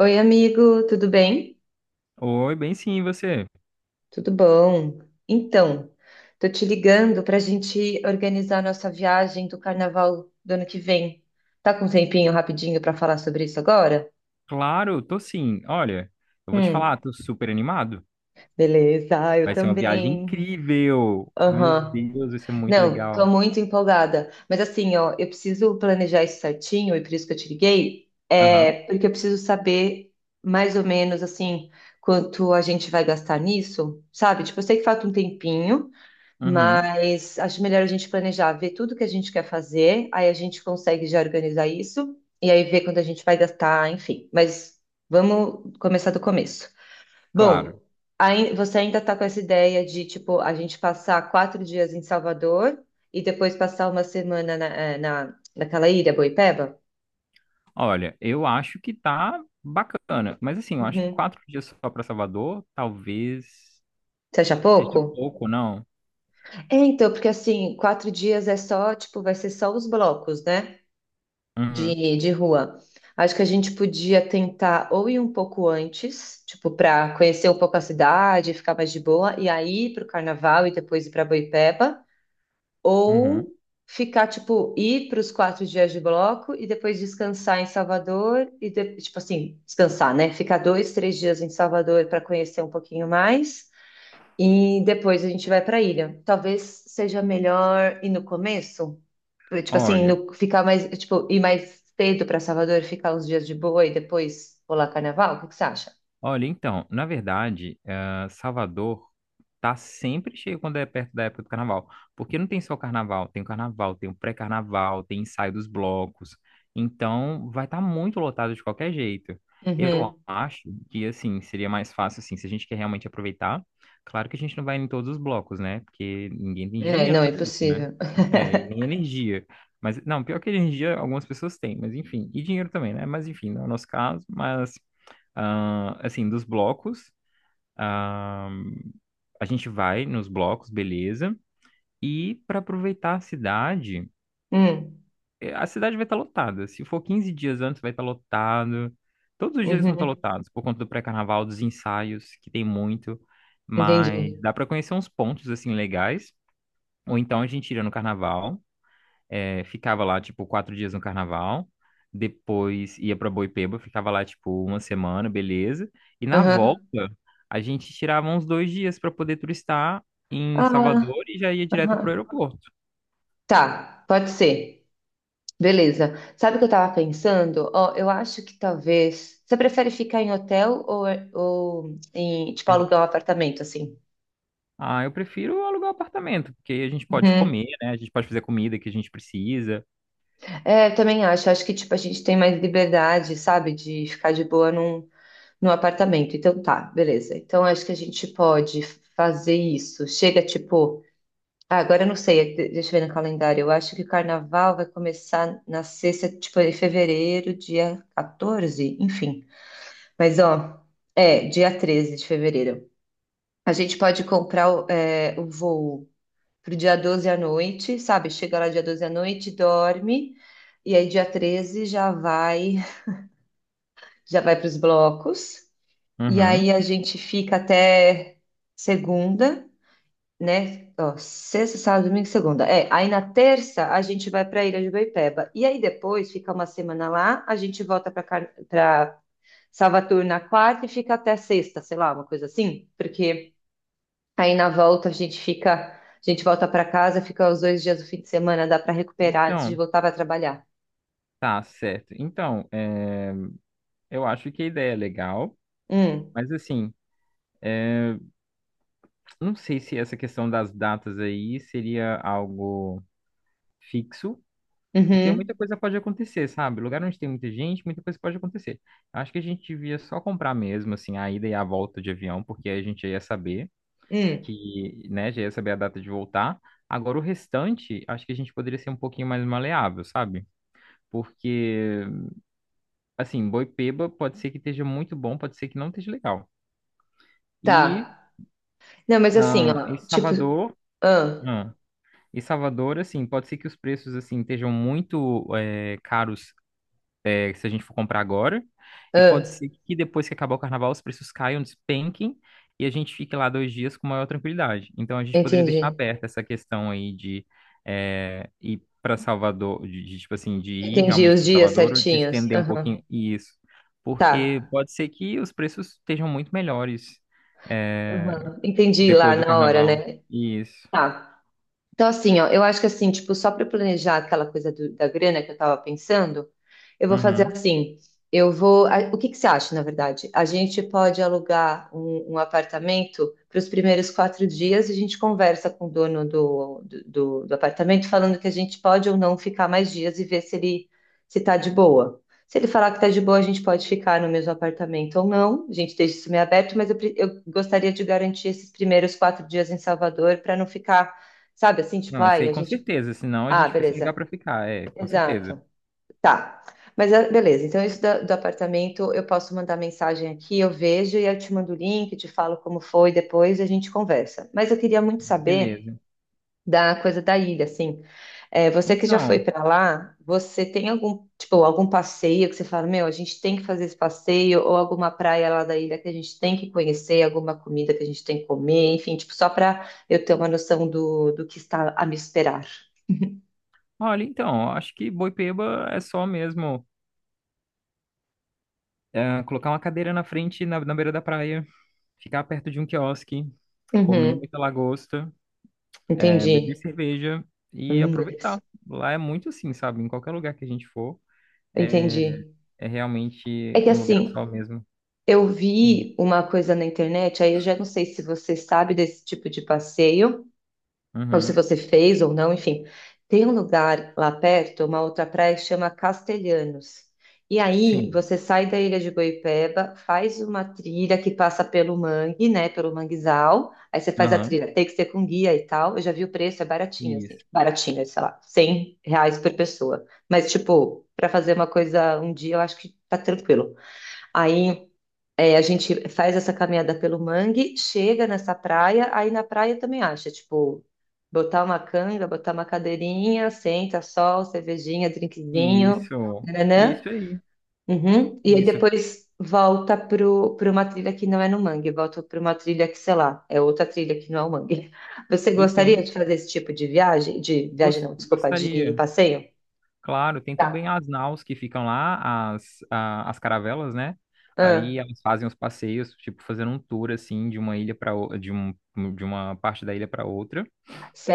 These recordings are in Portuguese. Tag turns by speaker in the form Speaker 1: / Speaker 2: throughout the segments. Speaker 1: Oi, amigo, tudo bem?
Speaker 2: Oi, bem sim, e você?
Speaker 1: Tudo bom? Então, tô te ligando para a gente organizar nossa viagem do carnaval do ano que vem. Tá com um tempinho rapidinho para falar sobre isso agora?
Speaker 2: Claro, tô sim. Olha, eu vou te
Speaker 1: Hum,
Speaker 2: falar, tô super animado.
Speaker 1: Beleza, eu
Speaker 2: Vai ser uma viagem
Speaker 1: também.
Speaker 2: incrível. Meu
Speaker 1: Aham.
Speaker 2: Deus, vai ser muito
Speaker 1: Não, tô
Speaker 2: legal.
Speaker 1: muito empolgada. Mas assim, ó, eu preciso planejar isso certinho e por isso que eu te liguei,
Speaker 2: Aham,
Speaker 1: é porque eu preciso saber mais ou menos assim quanto a gente vai gastar nisso, sabe? Tipo, eu sei que falta um tempinho.
Speaker 2: uhum,
Speaker 1: Mas acho melhor a gente planejar, ver tudo que a gente quer fazer, aí a gente consegue já organizar isso, e aí ver quando a gente vai gastar, enfim. Mas vamos começar do começo. Bom,
Speaker 2: claro.
Speaker 1: aí você ainda está com essa ideia de, tipo, a gente passar 4 dias em Salvador e depois passar uma semana naquela ilha, Boipeba?
Speaker 2: Olha, eu acho que tá bacana, mas assim, eu acho que
Speaker 1: Uhum.
Speaker 2: 4 dias só pra Salvador, talvez
Speaker 1: Você acha
Speaker 2: seja
Speaker 1: pouco?
Speaker 2: pouco, não?
Speaker 1: É, então, porque assim, 4 dias é só, tipo, vai ser só os blocos, né?
Speaker 2: Uhum,
Speaker 1: De rua. Acho que a gente podia tentar ou ir um pouco antes, tipo, para conhecer um pouco a cidade, ficar mais de boa, e aí ir para o carnaval e depois ir para Boipeba, ou
Speaker 2: uhum.
Speaker 1: ficar, tipo, ir para os 4 dias de bloco e depois descansar em Salvador, e tipo assim, descansar, né? Ficar 2, 3 dias em Salvador para conhecer um pouquinho mais, e depois a gente vai para a ilha. Talvez seja melhor ir no começo. Tipo assim,
Speaker 2: Olha.
Speaker 1: ficar mais, tipo, ir mais cedo para Salvador, ficar uns dias de boa e depois pular carnaval? O que que você acha?
Speaker 2: Olha, então, na verdade, Salvador tá sempre cheio quando é perto da época do carnaval. Porque não tem só o carnaval, tem o carnaval, tem o pré-carnaval, tem ensaio dos blocos. Então, vai estar muito lotado de qualquer jeito. Eu
Speaker 1: Uhum.
Speaker 2: acho que, assim, seria mais fácil, assim, se a gente quer realmente aproveitar. Claro que a gente não vai em todos os blocos, né? Porque ninguém tem
Speaker 1: É,
Speaker 2: dinheiro
Speaker 1: não, é
Speaker 2: para isso, né?
Speaker 1: impossível.
Speaker 2: É, e nem energia. Mas, não, pior que energia, algumas pessoas têm, mas enfim. E dinheiro também, né? Mas enfim, não é o nosso caso, mas. Ah, assim, dos blocos, ah, a gente vai nos blocos, beleza. E para aproveitar a cidade,
Speaker 1: Hum,
Speaker 2: a cidade vai estar lotada. Se for 15 dias antes, vai estar lotado. Todos os dias vão estar
Speaker 1: uhum,
Speaker 2: lotados por conta do pré-carnaval, dos ensaios, que tem muito.
Speaker 1: entendi.
Speaker 2: Mas dá para conhecer uns pontos assim legais. Ou então a gente iria no carnaval. É, ficava lá, tipo, 4 dias no carnaval. Depois ia pra Boipeba, ficava lá, tipo, uma semana, beleza. E na volta,
Speaker 1: Aham.
Speaker 2: a gente tirava uns 2 dias pra poder turistar em
Speaker 1: Ah,
Speaker 2: Salvador e já ia direto pro
Speaker 1: aham.
Speaker 2: aeroporto.
Speaker 1: Tá, pode ser. Beleza. Sabe o que eu tava pensando? Ó, eu acho que talvez. Você prefere ficar em hotel ou em, tipo,
Speaker 2: É,
Speaker 1: alugar um apartamento, assim?
Speaker 2: ah, eu prefiro alugar apartamento, porque aí a gente pode
Speaker 1: Uhum.
Speaker 2: comer, né? A gente pode fazer a comida que a gente precisa.
Speaker 1: É, eu também acho. Acho que, tipo, a gente tem mais liberdade, sabe? De ficar de boa num. No apartamento, então tá, beleza. Então acho que a gente pode fazer isso. Chega tipo. Ah, agora eu não sei, de- deixa eu ver no calendário. Eu acho que o carnaval vai começar na sexta, tipo, em fevereiro, dia 14, enfim. Mas ó, é, dia 13 de fevereiro. A gente pode comprar o, é, o voo pro dia 12 à noite, sabe? Chega lá dia 12 à noite, dorme, e aí dia 13 já vai para os blocos. E
Speaker 2: Uhum.
Speaker 1: aí a gente fica até segunda, né? Ó, sexta, sábado, domingo, e segunda. É, aí na terça a gente vai para a Ilha de Boipeba. E aí depois fica uma semana lá, a gente volta para Car... para Salvador na quarta e fica até sexta, sei lá, uma coisa assim, porque aí na volta a gente fica, a gente volta para casa, fica os 2 dias do fim de semana, dá para recuperar antes de
Speaker 2: Então,
Speaker 1: voltar para trabalhar.
Speaker 2: tá certo. Então, eu acho que a ideia é legal,
Speaker 1: Hum,
Speaker 2: mas assim, não sei se essa questão das datas aí seria algo fixo, porque muita
Speaker 1: uhum,
Speaker 2: coisa pode acontecer, sabe? Lugar onde tem muita gente, muita coisa pode acontecer. Eu acho que a gente devia só comprar mesmo, assim, a ida e a volta de avião, porque aí a gente já ia saber
Speaker 1: hum,
Speaker 2: que, né, já ia saber a data de voltar. Agora, o restante, acho que a gente poderia ser um pouquinho mais maleável, sabe? Porque, assim, Boipeba pode ser que esteja muito bom, pode ser que não esteja legal. E,
Speaker 1: tá. Não, mas assim,
Speaker 2: e
Speaker 1: ó, tipo,
Speaker 2: Salvador,
Speaker 1: ah,
Speaker 2: ah, Salvador, assim, pode ser que os preços, assim, estejam muito, caros se a gente for comprar agora. E pode
Speaker 1: ah.
Speaker 2: ser que depois que acabar o carnaval, os preços caiam, despenquem, e a gente fique lá 2 dias com maior tranquilidade. Então a gente poderia
Speaker 1: Entendi.
Speaker 2: deixar aberta essa questão aí de ir para Salvador, de, tipo assim, de ir
Speaker 1: Entendi
Speaker 2: realmente
Speaker 1: os
Speaker 2: para
Speaker 1: dias
Speaker 2: Salvador ou de
Speaker 1: certinhos.
Speaker 2: estender um
Speaker 1: Aham.
Speaker 2: pouquinho isso.
Speaker 1: Tá.
Speaker 2: Porque pode ser que os preços estejam muito melhores é,
Speaker 1: Aham. Entendi lá
Speaker 2: depois do
Speaker 1: na hora,
Speaker 2: carnaval.
Speaker 1: né?
Speaker 2: Isso.
Speaker 1: Tá. Então, assim, ó, eu acho que assim, tipo, só para planejar aquela coisa da grana que eu tava pensando, eu vou fazer
Speaker 2: Uhum.
Speaker 1: assim. Eu vou. O que que você acha, na verdade? A gente pode alugar um apartamento para os primeiros 4 dias e a gente conversa com o dono do apartamento, falando que a gente pode ou não ficar mais dias e ver se ele se tá de boa. Se ele falar que tá de boa, a gente pode ficar no mesmo apartamento ou não. A gente deixa isso meio aberto, mas pre- eu gostaria de garantir esses primeiros 4 dias em Salvador para não ficar. Sabe, assim, tipo,
Speaker 2: Não, isso
Speaker 1: ai,
Speaker 2: aí
Speaker 1: a
Speaker 2: com
Speaker 1: gente.
Speaker 2: certeza, senão a
Speaker 1: Ah,
Speaker 2: gente fica sem lugar
Speaker 1: beleza.
Speaker 2: para ficar, com certeza.
Speaker 1: Exato. Tá. Mas ah, beleza, então isso do apartamento eu posso mandar mensagem aqui, eu vejo e eu te mando o link, te falo como foi, depois a gente conversa. Mas eu queria muito saber
Speaker 2: Beleza.
Speaker 1: da coisa da ilha, assim. É, você que já foi
Speaker 2: Então,
Speaker 1: pra lá, você tem algum, tipo, algum passeio que você fala, meu, a gente tem que fazer esse passeio, ou alguma praia lá da ilha que a gente tem que conhecer, alguma comida que a gente tem que comer, enfim, tipo, só pra eu ter uma noção do que está a me esperar.
Speaker 2: olha, então, acho que Boipeba é só mesmo colocar uma cadeira na frente, na beira da praia, ficar perto de um quiosque, comer
Speaker 1: Uhum,
Speaker 2: muita lagosta, beber
Speaker 1: entendi.
Speaker 2: cerveja e
Speaker 1: Beleza.
Speaker 2: aproveitar. Lá é muito assim, sabe? Em qualquer lugar que a gente for, é,
Speaker 1: Entendi.
Speaker 2: é
Speaker 1: É
Speaker 2: realmente
Speaker 1: que
Speaker 2: um lugar só
Speaker 1: assim,
Speaker 2: mesmo.
Speaker 1: eu
Speaker 2: Sim.
Speaker 1: vi uma coisa na internet, aí eu já não sei se você sabe desse tipo de passeio, ou se
Speaker 2: Uhum.
Speaker 1: você fez ou não, enfim. Tem um lugar lá perto, uma outra praia que chama Castelhanos. E aí
Speaker 2: Sim.
Speaker 1: você sai da ilha de Boipeba, faz uma trilha que passa pelo mangue, né, pelo manguezal. Aí você faz a
Speaker 2: Aham.
Speaker 1: trilha, tem que ser com guia e tal. Eu já vi o preço, é baratinho, assim,
Speaker 2: Isso.
Speaker 1: baratinho, sei lá, 100 reais por pessoa. Mas, tipo, para fazer uma coisa um dia, eu acho que tá tranquilo. Aí a gente faz essa caminhada pelo mangue, chega nessa praia, aí na praia também acha, tipo, botar uma canga, botar uma cadeirinha, senta, sol, cervejinha, drinkzinho,
Speaker 2: Isso.
Speaker 1: nananã.
Speaker 2: Isso aí.
Speaker 1: Uhum. E aí
Speaker 2: Isso.
Speaker 1: depois volta pra uma trilha que não é no mangue, volta para uma trilha que, sei lá, é outra trilha que não é o mangue. Você
Speaker 2: E
Speaker 1: gostaria
Speaker 2: tem.
Speaker 1: de fazer esse tipo de viagem? De viagem não, desculpa, de
Speaker 2: Gostaria.
Speaker 1: passeio?
Speaker 2: Claro, tem também
Speaker 1: Tá.
Speaker 2: as naus que ficam lá, as caravelas, né?
Speaker 1: Ah,
Speaker 2: Aí elas fazem os passeios, tipo, fazendo um tour assim de uma ilha para de um, de uma parte da ilha para outra,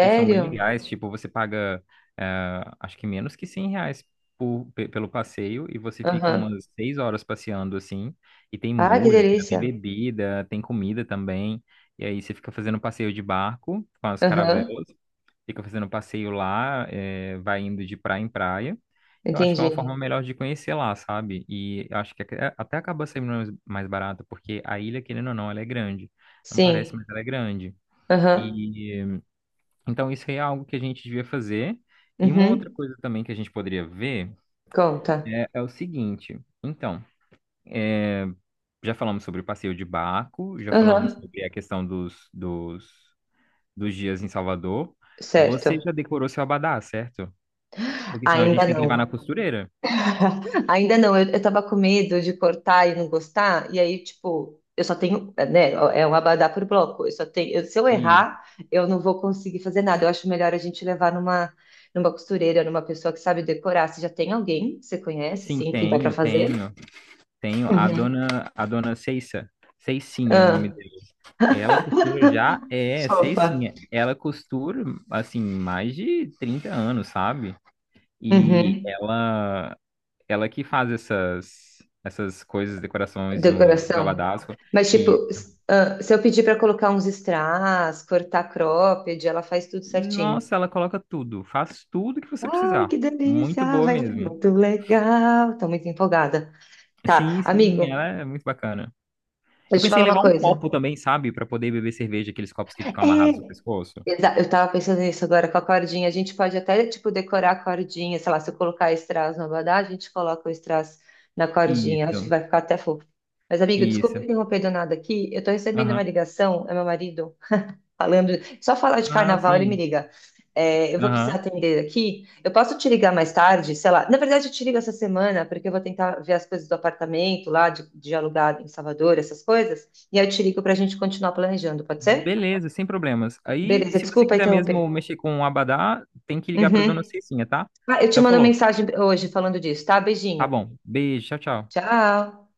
Speaker 2: que são bem legais. Tipo, você paga, acho que menos que R$ 100 pelo passeio e você fica
Speaker 1: Aham.
Speaker 2: umas 6 horas passeando assim. E tem
Speaker 1: Ah, que
Speaker 2: música, tem
Speaker 1: delícia.
Speaker 2: bebida, tem comida também. E aí você fica fazendo passeio de barco com as caravelas,
Speaker 1: Aham,
Speaker 2: fica fazendo passeio lá, vai indo de praia em praia. Eu acho que é uma forma
Speaker 1: entendi.
Speaker 2: melhor de conhecer lá, sabe? E eu acho que até acaba sendo mais barato, porque a ilha, querendo ou não, ela é grande. Não parece,
Speaker 1: Sim.
Speaker 2: mas ela é grande.
Speaker 1: Aham.
Speaker 2: E então isso aí é algo que a gente devia fazer. E uma outra
Speaker 1: Uhum.
Speaker 2: coisa também que a gente poderia ver
Speaker 1: Conta.
Speaker 2: é o seguinte. Então, eh, já falamos sobre o passeio de barco, já falamos
Speaker 1: Aham.
Speaker 2: sobre a questão dos dias em Salvador. Você já
Speaker 1: Certo.
Speaker 2: decorou seu abadá, certo? Porque senão a gente
Speaker 1: Ainda
Speaker 2: tem que levar na
Speaker 1: não.
Speaker 2: costureira.
Speaker 1: Ainda não. Eu tava com medo de cortar e não gostar. E aí, tipo, eu só tenho, né? É um abadá por bloco. Eu só tenho. Se eu
Speaker 2: E
Speaker 1: errar, eu não vou conseguir fazer nada. Eu acho melhor a gente levar numa costureira, numa pessoa que sabe decorar. Você já tem alguém que você conhece,
Speaker 2: sim,
Speaker 1: assim, que dá pra
Speaker 2: tenho,
Speaker 1: fazer?
Speaker 2: tenho, tenho.
Speaker 1: Uhum.
Speaker 2: A dona Ceissa. Ceicinha é o nome
Speaker 1: Ah,
Speaker 2: dela. Ela costura já, Ceicinha.
Speaker 1: sopa.
Speaker 2: Ela costura, assim, mais de 30 anos, sabe? E ela que faz essas coisas, decorações no, nos
Speaker 1: Decoração.
Speaker 2: abadás.
Speaker 1: Mas, tipo,
Speaker 2: E,
Speaker 1: s- ah, se eu pedir pra colocar uns strass, cortar cropped, ela faz tudo certinho.
Speaker 2: nossa, ela coloca tudo. Faz tudo que você
Speaker 1: Ai,
Speaker 2: precisar.
Speaker 1: que
Speaker 2: Muito
Speaker 1: delícia!
Speaker 2: boa
Speaker 1: Vai ser
Speaker 2: mesmo.
Speaker 1: muito legal. Tô muito empolgada. Tá,
Speaker 2: Sim, sim, ela
Speaker 1: amigo,
Speaker 2: é muito bacana. Eu
Speaker 1: deixa eu te
Speaker 2: pensei
Speaker 1: falar
Speaker 2: em
Speaker 1: uma
Speaker 2: levar um
Speaker 1: coisa.
Speaker 2: copo também, sabe? Pra poder beber cerveja, aqueles copos que ficam
Speaker 1: É.
Speaker 2: amarrados no pescoço.
Speaker 1: Eu tava pensando nisso agora com a cordinha. A gente pode até, tipo, decorar a cordinha. Sei lá, se eu colocar strass no abadá, a gente coloca o strass na cordinha. Acho que
Speaker 2: Isso,
Speaker 1: vai ficar até fofo. Mas, amigo, desculpa
Speaker 2: isso.
Speaker 1: interromper do nada aqui. Eu tô recebendo uma
Speaker 2: Aham.
Speaker 1: ligação, é meu marido. Falando, só falar de
Speaker 2: Ah,
Speaker 1: carnaval, ele me
Speaker 2: sim.
Speaker 1: liga. É, eu vou precisar
Speaker 2: Aham.
Speaker 1: atender aqui. Eu posso te ligar mais tarde, sei lá. Na verdade, eu te ligo essa semana, porque eu vou tentar ver as coisas do apartamento lá, de alugar em Salvador, essas coisas. E aí eu te ligo pra gente continuar planejando, pode ser?
Speaker 2: Beleza, sem problemas. Aí,
Speaker 1: Beleza,
Speaker 2: se você
Speaker 1: desculpa
Speaker 2: quiser mesmo
Speaker 1: interromper.
Speaker 2: mexer com o abadá, tem que ligar pra dona
Speaker 1: Uhum.
Speaker 2: Cecinha, tá?
Speaker 1: Ah, eu te
Speaker 2: Então,
Speaker 1: mando
Speaker 2: falou.
Speaker 1: mensagem hoje falando disso, tá?
Speaker 2: Tá
Speaker 1: Beijinho.
Speaker 2: bom. Beijo, tchau, tchau.
Speaker 1: Tchau.